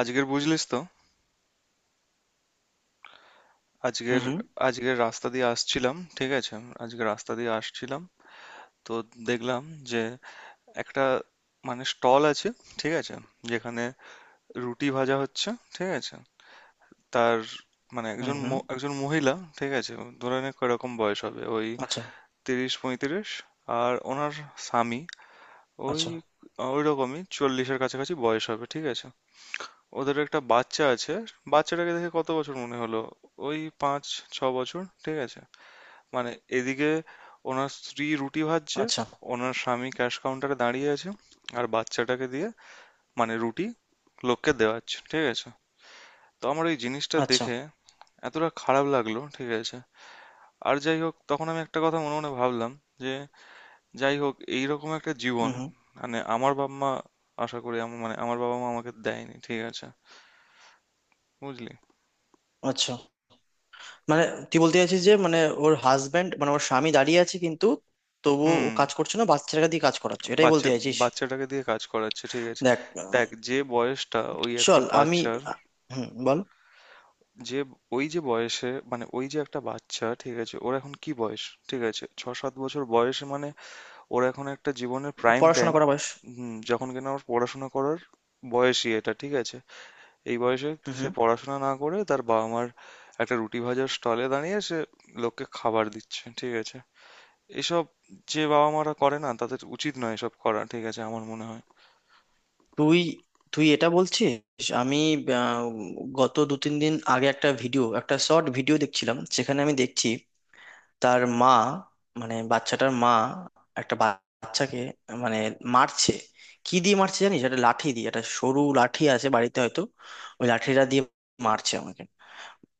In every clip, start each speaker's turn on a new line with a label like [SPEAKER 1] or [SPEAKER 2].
[SPEAKER 1] আজকের, বুঝলিস তো?
[SPEAKER 2] হুম,
[SPEAKER 1] আজকের
[SPEAKER 2] হুম,
[SPEAKER 1] আজকের রাস্তা দিয়ে আসছিলাম, ঠিক আছে? আজকে রাস্তা দিয়ে আসছিলাম, তো দেখলাম যে একটা, মানে, স্টল আছে, ঠিক আছে, যেখানে রুটি ভাজা হচ্ছে, ঠিক আছে। তার মানে
[SPEAKER 2] হুম,
[SPEAKER 1] একজন
[SPEAKER 2] হুম।
[SPEAKER 1] একজন মহিলা, ঠিক আছে, ধরে নে কিরকম বয়স হবে? ওই
[SPEAKER 2] আচ্ছা,
[SPEAKER 1] 30 35। আর ওনার স্বামী, ওই
[SPEAKER 2] আচ্ছা,
[SPEAKER 1] ওই রকমই চল্লিশের কাছাকাছি বয়স হবে, ঠিক আছে। ওদের একটা বাচ্চা আছে। বাচ্চাটাকে দেখে কত বছর মনে হলো? ওই 5 6 বছর, ঠিক আছে। মানে এদিকে ওনার স্ত্রী রুটি ভাজছে,
[SPEAKER 2] আচ্ছা,
[SPEAKER 1] ওনার স্বামী ক্যাশ কাউন্টারে দাঁড়িয়ে আছে, আর বাচ্চাটাকে দিয়ে, মানে, রুটি লোককে দেওয়াচ্ছে, ঠিক আছে। তো আমার ওই জিনিসটা
[SPEAKER 2] আচ্ছা।
[SPEAKER 1] দেখে এতটা খারাপ লাগলো, ঠিক আছে। আর যাই হোক, তখন আমি একটা কথা মনে মনে ভাবলাম যে, যাই হোক, এইরকম একটা জীবন,
[SPEAKER 2] হুম, হুম।
[SPEAKER 1] মানে, আমার বাবা মা, আশা করি আমার, মানে, আমার বাবা মা আমাকে দেয়নি, ঠিক আছে, বুঝলি।
[SPEAKER 2] আচ্ছা, মানে তুই বলতে চাইছিস যে মানে ওর হাজবেন্ড, মানে ওর স্বামী দাঁড়িয়ে আছে কিন্তু তবুও
[SPEAKER 1] হুম।
[SPEAKER 2] ও কাজ করছে না, বাচ্চাটাকে দিয়ে কাজ করাচ্ছে, এটাই
[SPEAKER 1] বাচ্চা
[SPEAKER 2] বলতে চাইছিস?
[SPEAKER 1] বাচ্চাটাকে দিয়ে কাজ করাচ্ছে, ঠিক আছে।
[SPEAKER 2] দেখ,
[SPEAKER 1] দেখ, যে বয়সটা ওই একটা
[SPEAKER 2] চল আমি,
[SPEAKER 1] বাচ্চার,
[SPEAKER 2] আহ, হুম, বল।
[SPEAKER 1] যে ওই যে বয়সে, মানে ওই যে একটা বাচ্চা, ঠিক আছে, ওর এখন কি বয়স? ঠিক আছে, 6 7 বছর বয়সে, মানে ওর এখন একটা জীবনের প্রাইম
[SPEAKER 2] পড়াশোনা
[SPEAKER 1] টাইম।
[SPEAKER 2] করা বয়স।
[SPEAKER 1] হুম। যখন কিনা ওর পড়াশোনা করার বয়সই এটা, ঠিক আছে। এই বয়সে
[SPEAKER 2] হুম,
[SPEAKER 1] সে
[SPEAKER 2] হুম।
[SPEAKER 1] পড়াশোনা না করে তার বাবা মার একটা রুটি ভাজার স্টলে দাঁড়িয়ে সে লোককে খাবার দিচ্ছে, ঠিক আছে। এসব যে বাবা মারা করে, না, তাদের উচিত নয় এসব করা, ঠিক আছে, আমার মনে হয়।
[SPEAKER 2] তুই তুই এটা বলছিস। আমি, আহ, গত দু তিন দিন আগে একটা ভিডিও, একটা শর্ট ভিডিও দেখছিলাম, সেখানে আমি দেখছি তার মা, মানে বাচ্চাটার মা একটা বাচ্চাকে, মানে মারছে। কি দিয়ে মারছে জানিস? একটা লাঠি দিয়ে, একটা সরু লাঠি আছে বাড়িতে হয়তো, ওই লাঠিটা দিয়ে মারছে আমাকে।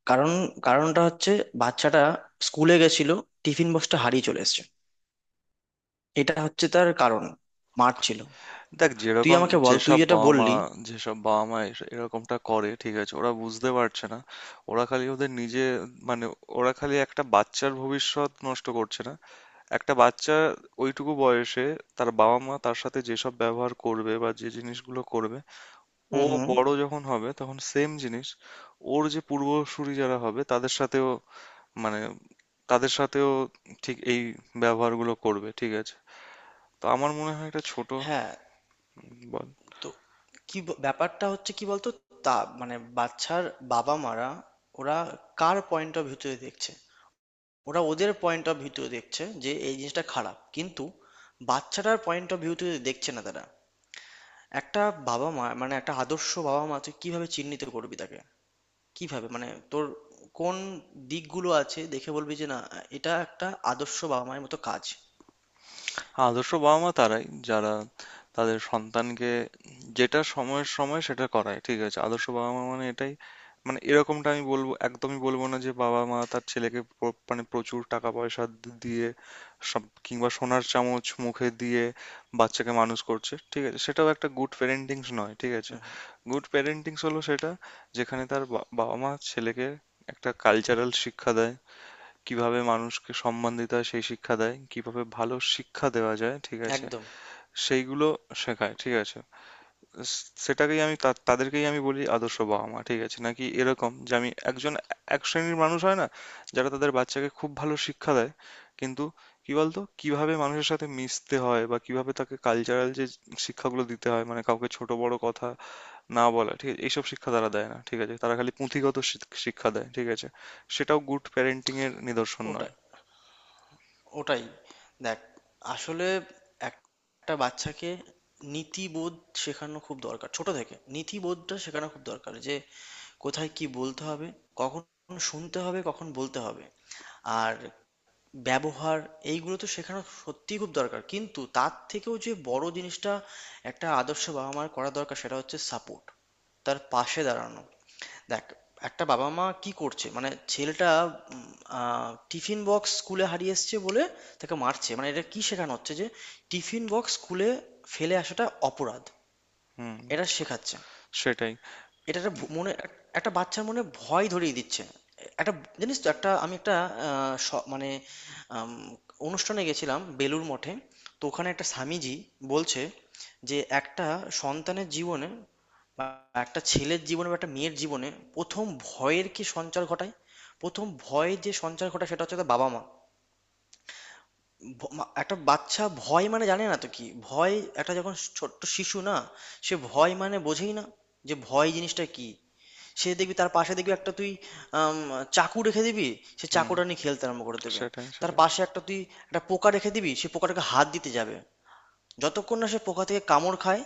[SPEAKER 2] কারণ, কারণটা হচ্ছে বাচ্চাটা স্কুলে গেছিল, টিফিন বক্সটা হারিয়ে চলে এসেছে, এটা হচ্ছে তার কারণ। মারছিল।
[SPEAKER 1] দেখ,
[SPEAKER 2] তুই
[SPEAKER 1] যেরকম,
[SPEAKER 2] আমাকে বল, তুই
[SPEAKER 1] যেসব
[SPEAKER 2] যেটা
[SPEAKER 1] বাবা মা
[SPEAKER 2] বললি।
[SPEAKER 1] যেসব বাবা মা এরকমটা করে, ঠিক আছে, ওরা বুঝতে পারছে না। ওরা খালি ওদের নিজে, মানে, ওরা খালি একটা বাচ্চার ভবিষ্যৎ নষ্ট করছে না, একটা বাচ্চা ওইটুকু বয়সে তার বাবা মা তার সাথে যেসব ব্যবহার করবে বা যে জিনিসগুলো করবে, ও
[SPEAKER 2] হুম, হুম।
[SPEAKER 1] বড় যখন হবে তখন সেম জিনিস, ওর যে পূর্বসূরি যারা হবে তাদের সাথেও, মানে তাদের সাথেও ঠিক এই ব্যবহারগুলো করবে, ঠিক আছে। তো আমার মনে হয় এটা ছোট।
[SPEAKER 2] হ্যাঁ।
[SPEAKER 1] বল।
[SPEAKER 2] তো কি ব্যাপারটা হচ্ছে কি বলতো, তা মানে বাচ্চার বাবা মারা, ওরা কার পয়েন্ট অফ ভিউতে দেখছে? ওরা ওদের পয়েন্ট অফ ভিউতে দেখছে যে এই জিনিসটা খারাপ, কিন্তু বাচ্চাটার পয়েন্ট অফ ভিউতে দেখছে না তারা। একটা বাবা মা, মানে একটা আদর্শ বাবা মা তুই কিভাবে চিহ্নিত করবি তাকে? কিভাবে, মানে তোর কোন দিকগুলো আছে দেখে বলবি যে না, এটা একটা আদর্শ বাবা মায়ের মতো কাজ।
[SPEAKER 1] আদর্শ বাবা-মা তারাই, যারা তাদের সন্তানকে যেটা সময়ের সময় সেটা করায়। ঠিক আছে? আদর্শ বাবা-মা মানে এটাই। মানে এরকমটা আমি বলব, একদমই বলব না যে বাবা-মা তার ছেলেকে মানে প্রচুর টাকা-পয়সা দিয়ে সব, কিংবা সোনার চামচ মুখে দিয়ে বাচ্চাকে মানুষ করছে। ঠিক আছে? সেটাও একটা গুড প্যারেন্টিংস নয়। ঠিক আছে? গুড প্যারেন্টিংস হলো সেটা, যেখানে তার বাবা-মা ছেলেকে একটা কালচারাল শিক্ষা দেয়। কিভাবে মানুষকে সম্মান দিতে হয় সেই শিক্ষা দেয়, কিভাবে ভালো শিক্ষা দেওয়া যায়, ঠিক আছে,
[SPEAKER 2] একদম।
[SPEAKER 1] সেইগুলো শেখায়, ঠিক আছে। সেটাকেই আমি, তাদেরকেই আমি বলি আদর্শ বাবা মা, ঠিক আছে। নাকি এরকম যে, আমি একজন, এক শ্রেণীর মানুষ হয় না যারা তাদের বাচ্চাকে খুব ভালো শিক্ষা দেয়, কিন্তু, কি বলতো, কিভাবে মানুষের সাথে মিশতে হয় বা কিভাবে তাকে কালচারাল যে শিক্ষাগুলো দিতে হয়, মানে কাউকে ছোট বড় কথা না বলা, ঠিক আছে, এইসব শিক্ষা তারা দেয় না, ঠিক আছে, তারা খালি পুঁথিগত শিক্ষা দেয়, ঠিক আছে। সেটাও গুড প্যারেন্টিং এর নিদর্শন
[SPEAKER 2] ওটা,
[SPEAKER 1] নয়।
[SPEAKER 2] ওটাই। দেখ, আসলে এক- একটা বাচ্চাকে নীতিবোধ শেখানো খুব দরকার, ছোট থেকে নীতিবোধটা শেখানো খুব দরকার যে কোথায় কি বলতে হবে, কখন শুনতে হবে, কখন বলতে হবে, আর ব্যবহার, এইগুলো তো শেখানো সত্যিই খুব দরকার, কিন্তু তার থেকেও যে বড় জিনিসটা একটা আদর্শ বাবা মার করা দরকার, সেটা হচ্ছে সাপোর্ট, তার পাশে দাঁড়ানো। দেখ, একটা বাবা মা কি করছে, মানে ছেলেটা উম, টিফিন বক্স স্কুলে হারিয়ে এসছে বলে তাকে মারছে, মানে এটা কি শেখানো হচ্ছে যে টিফিন বক্স স্কুলে ফেলে আসাটা অপরাধ?
[SPEAKER 1] হুম।
[SPEAKER 2] এটা শেখাচ্ছে।
[SPEAKER 1] সেটাই।
[SPEAKER 2] এটা একটা মনে একটা বাচ্চার মনে ভয় ধরিয়ে দিচ্ছে। একটা, জানিস তো, একটা আমি একটা মানে আম, অনুষ্ঠানে গেছিলাম বেলুর মঠে, তো ওখানে একটা স্বামীজি বলছে যে একটা সন্তানের জীবনে, একটা ছেলের জীবনে বা একটা মেয়ের জীবনে প্রথম ভয়ের কি সঞ্চার ঘটায়, প্রথম ভয় যে সঞ্চার ঘটায় সেটা হচ্ছে তার বাবা মা। ভ- মা- একটা বাচ্চা ভয় মানে জানে না তো কি ভয়। একটা যখন ছোট্ট শিশু না, সে ভয় মানে বোঝেই না, যে ভয় জিনিসটা কি। সে দেখবি, তার পাশে দেখবি একটা তুই আম, চাকু রেখে দিবি, সে
[SPEAKER 1] হুম।
[SPEAKER 2] চাকুটা নিয়ে খেলতে আরম্ভ করে দেবে।
[SPEAKER 1] সেটাই,
[SPEAKER 2] তার
[SPEAKER 1] সেটাই,
[SPEAKER 2] পাশে একটা তুই একটা পোকা রেখে দিবি, সে পোকাটাকে হাত দিতে যাবে, যতক্ষণ না সে পোকা থেকে কামড় খায়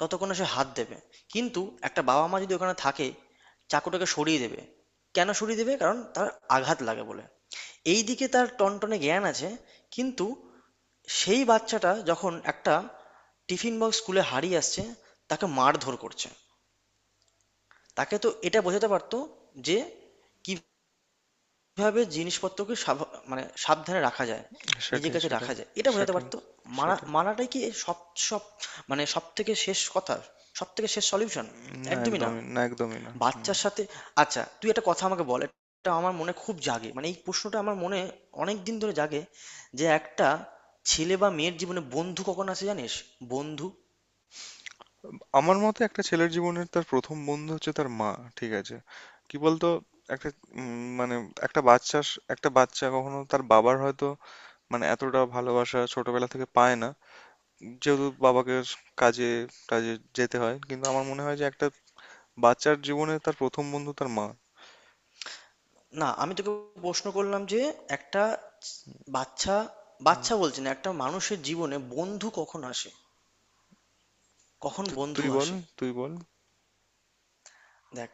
[SPEAKER 2] ততক্ষণ না সে হাত দেবে। কিন্তু একটা বাবা মা যদি ওখানে থাকে, চাকুটাকে সরিয়ে দেবে। কেন সরিয়ে দেবে? কারণ তার আঘাত লাগে বলে। এইদিকে তার টনটনে জ্ঞান আছে, কিন্তু সেই বাচ্চাটা যখন একটা টিফিন বক্স স্কুলে হারিয়ে আসছে, তাকে মারধর করছে, তাকে তো এটা বোঝাতে পারতো যে কি, কিভাবে জিনিসপত্রকে সাভা, মানে সাবধানে রাখা যায়, নিজের
[SPEAKER 1] সেটাই,
[SPEAKER 2] কাছে
[SPEAKER 1] সেটাই,
[SPEAKER 2] রাখা যায়। এটা বোঝাতে
[SPEAKER 1] সেটাই,
[SPEAKER 2] পারতো। মানা,
[SPEAKER 1] সেটাই।
[SPEAKER 2] মানাটাই কি সব? সব মানে সবথেকে শেষ কথা? সবথেকে শেষ সলিউশন?
[SPEAKER 1] না,
[SPEAKER 2] একদমই না।
[SPEAKER 1] একদমই না, একদমই না। হুম।
[SPEAKER 2] বাচ্চার সাথে, আচ্ছা তুই একটা কথা আমাকে বল, এটা আমার মনে খুব জাগে। মানে এই প্রশ্নটা আমার মনে অনেকদিন ধরে জাগে যে একটা ছেলে বা মেয়ের জীবনে বন্ধু কখন আসে জানিস? বন্ধু।
[SPEAKER 1] আমার মতে একটা ছেলের জীবনের তার প্রথম বন্ধু হচ্ছে তার মা, ঠিক আছে। কি বলতো, একটা, মানে, একটা একটা বাচ্চা কখনো তার বাবার হয়তো, মানে, এতটা ভালোবাসা ছোটবেলা থেকে পায় না, যেহেতু বাবাকে কাজে, কাজে যেতে হয়। কিন্তু আমার মনে হয় যে একটা বাচ্চার জীবনে তার প্রথম বন্ধু তার মা।
[SPEAKER 2] না, আমি তোকে প্রশ্ন করলাম যে একটা বাচ্চা,
[SPEAKER 1] হুম।
[SPEAKER 2] বাচ্চা বলছি না, একটা মানুষের জীবনে বন্ধু কখন আসে? কখন বন্ধু
[SPEAKER 1] তুই বল,
[SPEAKER 2] আসে?
[SPEAKER 1] তুই বল।
[SPEAKER 2] দেখ,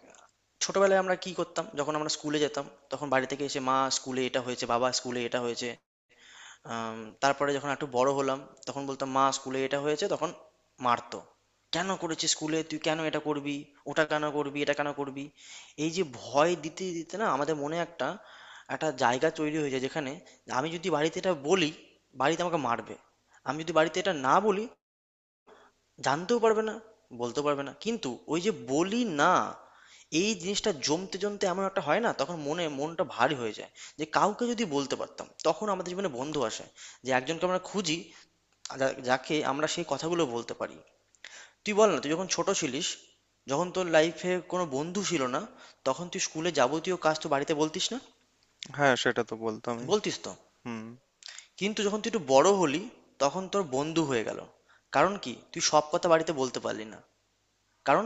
[SPEAKER 2] ছোটবেলায় আমরা কি করতাম? যখন আমরা স্কুলে যেতাম, তখন বাড়ি থেকে এসে মা স্কুলে এটা হয়েছে, বাবা স্কুলে এটা হয়েছে। তারপরে যখন একটু বড় হলাম, তখন বলতাম মা স্কুলে এটা হয়েছে, তখন মারতো। কেন করেছিস স্কুলে, তুই কেন এটা করবি, ওটা কেন করবি, এটা কেন করবি। এই যে ভয় দিতে দিতে না আমাদের মনে একটা, একটা জায়গা তৈরি হয়ে যায় যেখানে আমি যদি বাড়িতে এটা বলি, বাড়িতে আমাকে মারবে। আমি যদি বাড়িতে এটা না বলি, জানতেও পারবে না, বলতেও পারবে না, কিন্তু ওই যে বলি না, এই জিনিসটা জমতে জমতে এমন একটা হয় না, তখন মনে, মনটা ভারী হয়ে যায় যে কাউকে যদি বলতে পারতাম, তখন আমাদের জীবনে বন্ধু আসে, যে একজনকে আমরা খুঁজি, যাকে আমরা সেই কথাগুলো বলতে পারি। তুই বল না, তুই যখন ছোট ছিলিস, যখন তোর লাইফে কোনো বন্ধু ছিল না, তখন তুই স্কুলে যাবতীয় কাজ তো বাড়িতে বলতিস না?
[SPEAKER 1] হ্যাঁ, সেটা তো বলতামই।
[SPEAKER 2] বলতিস তো?
[SPEAKER 1] হুম।
[SPEAKER 2] কিন্তু যখন তুই একটু বড় হলি, তখন তোর বন্ধু হয়ে গেল। কারণ কি তুই সব কথা বাড়িতে বলতে পারলি না, কারণ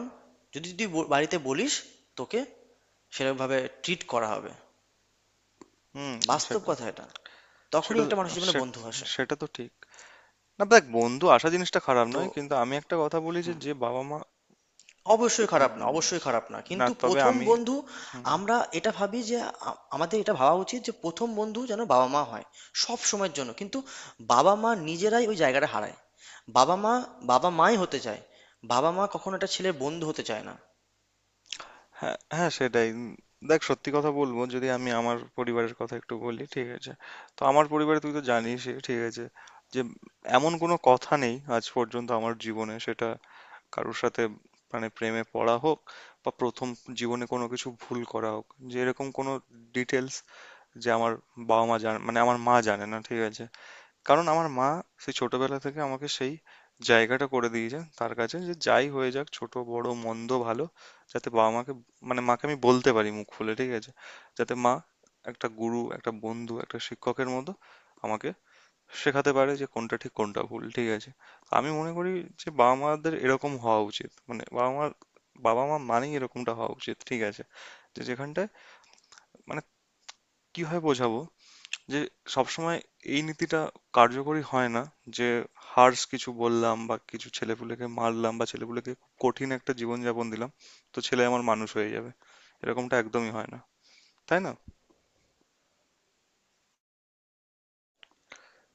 [SPEAKER 2] যদি তুই বাড়িতে বলিস, তোকে সেরকমভাবে ট্রিট করা হবে।
[SPEAKER 1] হুম।
[SPEAKER 2] বাস্তব
[SPEAKER 1] সেটা
[SPEAKER 2] কথা এটা।
[SPEAKER 1] সেটা
[SPEAKER 2] তখনই
[SPEAKER 1] তো
[SPEAKER 2] একটা মানুষের জীবনে
[SPEAKER 1] সেট
[SPEAKER 2] বন্ধু আসে।
[SPEAKER 1] সেটা তো ঠিক। না, দেখ, বন্ধু আসা জিনিসটা খারাপ
[SPEAKER 2] তো
[SPEAKER 1] নয়, কিন্তু আমি একটা কথা বলি যে, যে বাবা-মা,
[SPEAKER 2] অবশ্যই খারাপ না, অবশ্যই খারাপ না,
[SPEAKER 1] না,
[SPEAKER 2] কিন্তু
[SPEAKER 1] তবে
[SPEAKER 2] প্রথম
[SPEAKER 1] আমি,
[SPEAKER 2] বন্ধু,
[SPEAKER 1] হুম।
[SPEAKER 2] আমরা এটা ভাবি যে, আমাদের এটা ভাবা উচিত যে প্রথম বন্ধু যেন বাবা মা হয় সব সময়ের জন্য, কিন্তু বাবা মা নিজেরাই ওই জায়গাটা হারায়। বাবা মা, বাবা মাই হতে চায়, বাবা মা কখনো একটা ছেলের বন্ধু হতে চায় না।
[SPEAKER 1] হ্যাঁ, হ্যাঁ, সেটাই। দেখ, সত্যি কথা বলবো, যদি আমি আমার পরিবারের কথা একটু বলি, ঠিক আছে। তো আমার পরিবারে তুই তো জানিস, ঠিক আছে, যে এমন কোনো কথা নেই আজ পর্যন্ত আমার জীবনে, সেটা কারোর সাথে, মানে প্রেমে পড়া হোক বা প্রথম জীবনে কোনো কিছু ভুল করা হোক, যে এরকম কোনো ডিটেলস যে আমার বাবা মা জানে, মানে আমার মা জানে না, ঠিক আছে। কারণ আমার মা সেই ছোটবেলা থেকে আমাকে সেই জায়গাটা করে দিয়েছে তার কাছে, যে যাই হয়ে যাক, ছোট বড় মন্দ ভালো, যাতে বাবা মাকে, মানে মাকে আমি বলতে পারি মুখ খুলে, ঠিক আছে, যাতে মা একটা গুরু, একটা বন্ধু, একটা শিক্ষকের মতো আমাকে শেখাতে পারে যে কোনটা ঠিক কোনটা ভুল, ঠিক আছে। আমি মনে করি যে বাবা মাদের এরকম হওয়া উচিত, মানে বাবা মা মানেই এরকমটা হওয়া উচিত, ঠিক আছে। যে যেখানটায়, মানে, কিভাবে বোঝাবো, যে সবসময় এই নীতিটা কার্যকরী হয় না, যে হার্শ কিছু বললাম বা কিছু ছেলেপুলেকে মারলাম বা ছেলেপুলেকে খুব কঠিন একটা জীবনযাপন দিলাম, তো ছেলে আমার মানুষ হয়ে যাবে, এরকমটা একদমই হয় না। তাই না?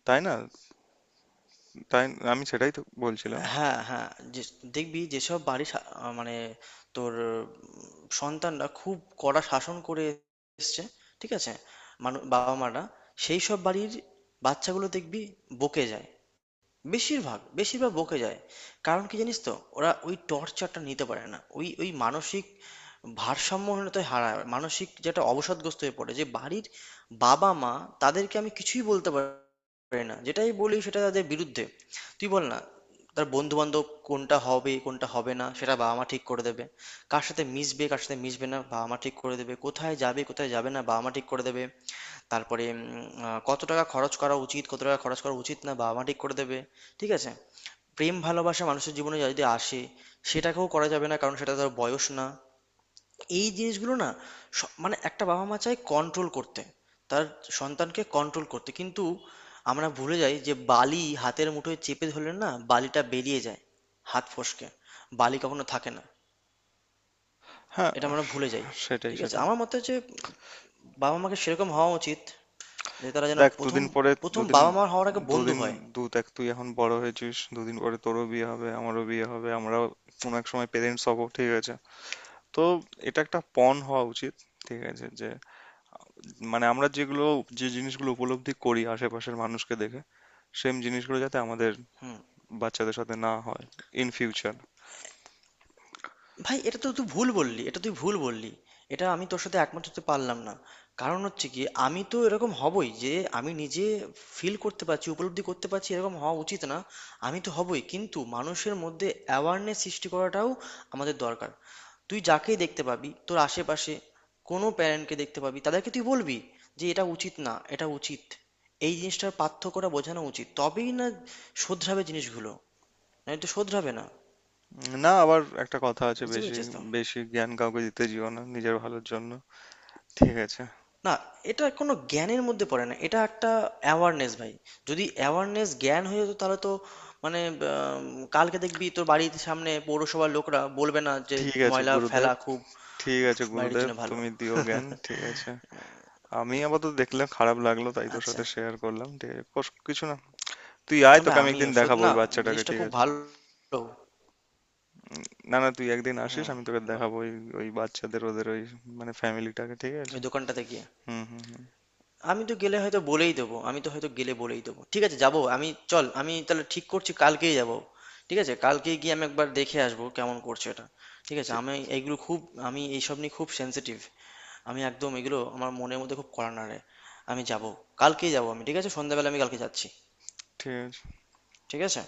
[SPEAKER 1] তাই না? তাই, আমি সেটাই তো বলছিলাম।
[SPEAKER 2] হ্যাঁ, হ্যাঁ। দেখবি যেসব বাড়ি মানে তোর সন্তানরা খুব কড়া শাসন করে এসছে, ঠিক আছে, মানু বাবা মারা, সেই সব বাড়ির বাচ্চাগুলো দেখবি বকে যায়, বেশিরভাগ, বেশিরভাগ বকে যায়। কারণ কি জানিস তো? ওরা ওই টর্চারটা নিতে পারে না। ওই ওই মানসিক ভারসাম্যহীনতায় হারায়। মানসিক, যেটা অবসাদগ্রস্ত হয়ে পড়ে। যে বাড়ির বাবা-মা তাদেরকে আমি কিছুই বলতে পারি না। যেটাই বলি সেটা তাদের বিরুদ্ধে। তুই বল না, তার বন্ধু-বান্ধব কোনটা হবে, কোনটা হবে না সেটা বাবা-মা ঠিক করে দেবে। কার সাথে মিশবে, কার সাথে মিশবে না বাবা-মা ঠিক করে দেবে। কোথায় যাবে, কোথায় যাবে না বাবা-মা ঠিক করে দেবে। তারপরে কত টাকা খরচ করা উচিত, কত টাকা খরচ করা উচিত না বাবা মা ঠিক করে দেবে, ঠিক আছে। প্রেম ভালোবাসা মানুষের জীবনে যদি আসে, সেটাকেও করা যাবে না, কারণ সেটা তার বয়স না। এই জিনিসগুলো না, মানে একটা বাবা মা চায় কন্ট্রোল করতে, তার সন্তানকে কন্ট্রোল করতে, কিন্তু আমরা ভুলে যাই যে বালি হাতের মুঠোয় চেপে ধরলে না, বালিটা বেরিয়ে যায়, হাত ফসকে বালি কখনো থাকে না।
[SPEAKER 1] হ্যাঁ।
[SPEAKER 2] এটা আমরা ভুলে যাই।
[SPEAKER 1] সেটাই,
[SPEAKER 2] ঠিক আছে,
[SPEAKER 1] সেটাই।
[SPEAKER 2] আমার মতে হচ্ছে বাবা মাকে সেরকম হওয়া উচিত যে তারা যেন
[SPEAKER 1] দেখ,
[SPEAKER 2] প্রথম,
[SPEAKER 1] দুদিন পরে,
[SPEAKER 2] প্রথম
[SPEAKER 1] দুদিন
[SPEAKER 2] বাবা মা হওয়ার আগে বন্ধু
[SPEAKER 1] দুদিন
[SPEAKER 2] হয়।
[SPEAKER 1] দু দেখ তুই এখন বড় হয়েছিস, দুদিন পরে তোরও বিয়ে হবে, আমারও বিয়ে হবে, আমরাও কোনো এক সময় পেরেন্টস হব, ঠিক আছে। তো এটা একটা পণ হওয়া উচিত, ঠিক আছে, যে, মানে আমরা যেগুলো, যে জিনিসগুলো উপলব্ধি করি আশেপাশের মানুষকে দেখে, সেম জিনিসগুলো যাতে আমাদের বাচ্চাদের সাথে না হয় ইন ফিউচার।
[SPEAKER 2] ভাই এটা তো তুই ভুল বললি, এটা তুই ভুল বললি, এটা আমি তোর সাথে একমত হতে পারলাম না। কারণ হচ্ছে কি, আমি তো এরকম হবই, যে আমি নিজে ফিল করতে পারছি, উপলব্ধি করতে পারছি এরকম হওয়া উচিত না, আমি তো হবই, কিন্তু মানুষের মধ্যে অ্যাওয়ারনেস সৃষ্টি করাটাও আমাদের দরকার। তুই যাকেই দেখতে পাবি তোর আশেপাশে, কোনো প্যারেন্টকে দেখতে পাবি, তাদেরকে তুই বলবি যে এটা উচিত না, এটা উচিত। এই জিনিসটার পার্থক্যটা বোঝানো উচিত, তবেই না শোধরাবে জিনিসগুলো। না, এটা শোধরাবে না?
[SPEAKER 1] না, আবার একটা কথা আছে,
[SPEAKER 2] বুঝতে
[SPEAKER 1] বেশি,
[SPEAKER 2] পেরেছিস তো।
[SPEAKER 1] বেশি জ্ঞান কাউকে দিতে যেও না নিজের ভালোর জন্য, ঠিক আছে।
[SPEAKER 2] না, এটা কোনো জ্ঞানের মধ্যে পড়ে না, এটা একটা অ্যাওয়ারনেস, ভাই। যদি অ্যাওয়ারনেস জ্ঞান হয়ে যেত তাহলে তো, মানে আম, কালকে দেখবি তোর বাড়ির সামনে পৌরসভার লোকরা বলবে না যে
[SPEAKER 1] ঠিক আছে
[SPEAKER 2] ময়লা
[SPEAKER 1] গুরুদেব,
[SPEAKER 2] ফেলা খুব
[SPEAKER 1] ঠিক আছে
[SPEAKER 2] বাড়ির
[SPEAKER 1] গুরুদেব,
[SPEAKER 2] জন্য ভালো।
[SPEAKER 1] তুমি দিও জ্ঞান, ঠিক আছে। আমি আপাতত দেখলাম, খারাপ লাগলো, তাই তোর
[SPEAKER 2] আচ্ছা।
[SPEAKER 1] সাথে শেয়ার করলাম, ঠিক আছে, কিছু না। তুই আয়,
[SPEAKER 2] আবে
[SPEAKER 1] তোকে আমি
[SPEAKER 2] আমিও
[SPEAKER 1] একদিন
[SPEAKER 2] সত্যি
[SPEAKER 1] দেখাবো
[SPEAKER 2] না,
[SPEAKER 1] ওই বাচ্চাটাকে,
[SPEAKER 2] জিনিসটা
[SPEAKER 1] ঠিক
[SPEAKER 2] খুব
[SPEAKER 1] আছে।
[SPEAKER 2] ভালো।
[SPEAKER 1] না না, তুই একদিন আসিস,
[SPEAKER 2] হুম,
[SPEAKER 1] আমি তোকে
[SPEAKER 2] বল।
[SPEAKER 1] দেখাবো ওই, ওই বাচ্চাদের, ওদের ওই, মানে, ফ্যামিলিটাকে, ঠিক আছে।
[SPEAKER 2] ওই দোকানটাতে গিয়ে,
[SPEAKER 1] হুম, হুম, হুম।
[SPEAKER 2] আমি তো গেলে হয়তো বলেই দেবো, আমি তো হয়তো গেলে বলেই দেবো, ঠিক আছে, যাবো আমি, চল আমি তাহলে ঠিক করছি কালকেই যাবো। ঠিক আছে, কালকেই গিয়ে আমি একবার দেখে আসবো কেমন করছে এটা। ঠিক আছে,
[SPEAKER 1] ঠিক,
[SPEAKER 2] আমি এগুলো খুব, আমি এইসব নিয়ে খুব সেনসিটিভ, আমি একদম এগুলো আমার মনের মধ্যে খুব কড়া নাড়ে। আমি যাবো, কালকেই যাবো আমি, ঠিক আছে, সন্ধ্যাবেলা আমি কালকে যাচ্ছি।
[SPEAKER 1] ঠিক আছে।
[SPEAKER 2] ঠিক আছে।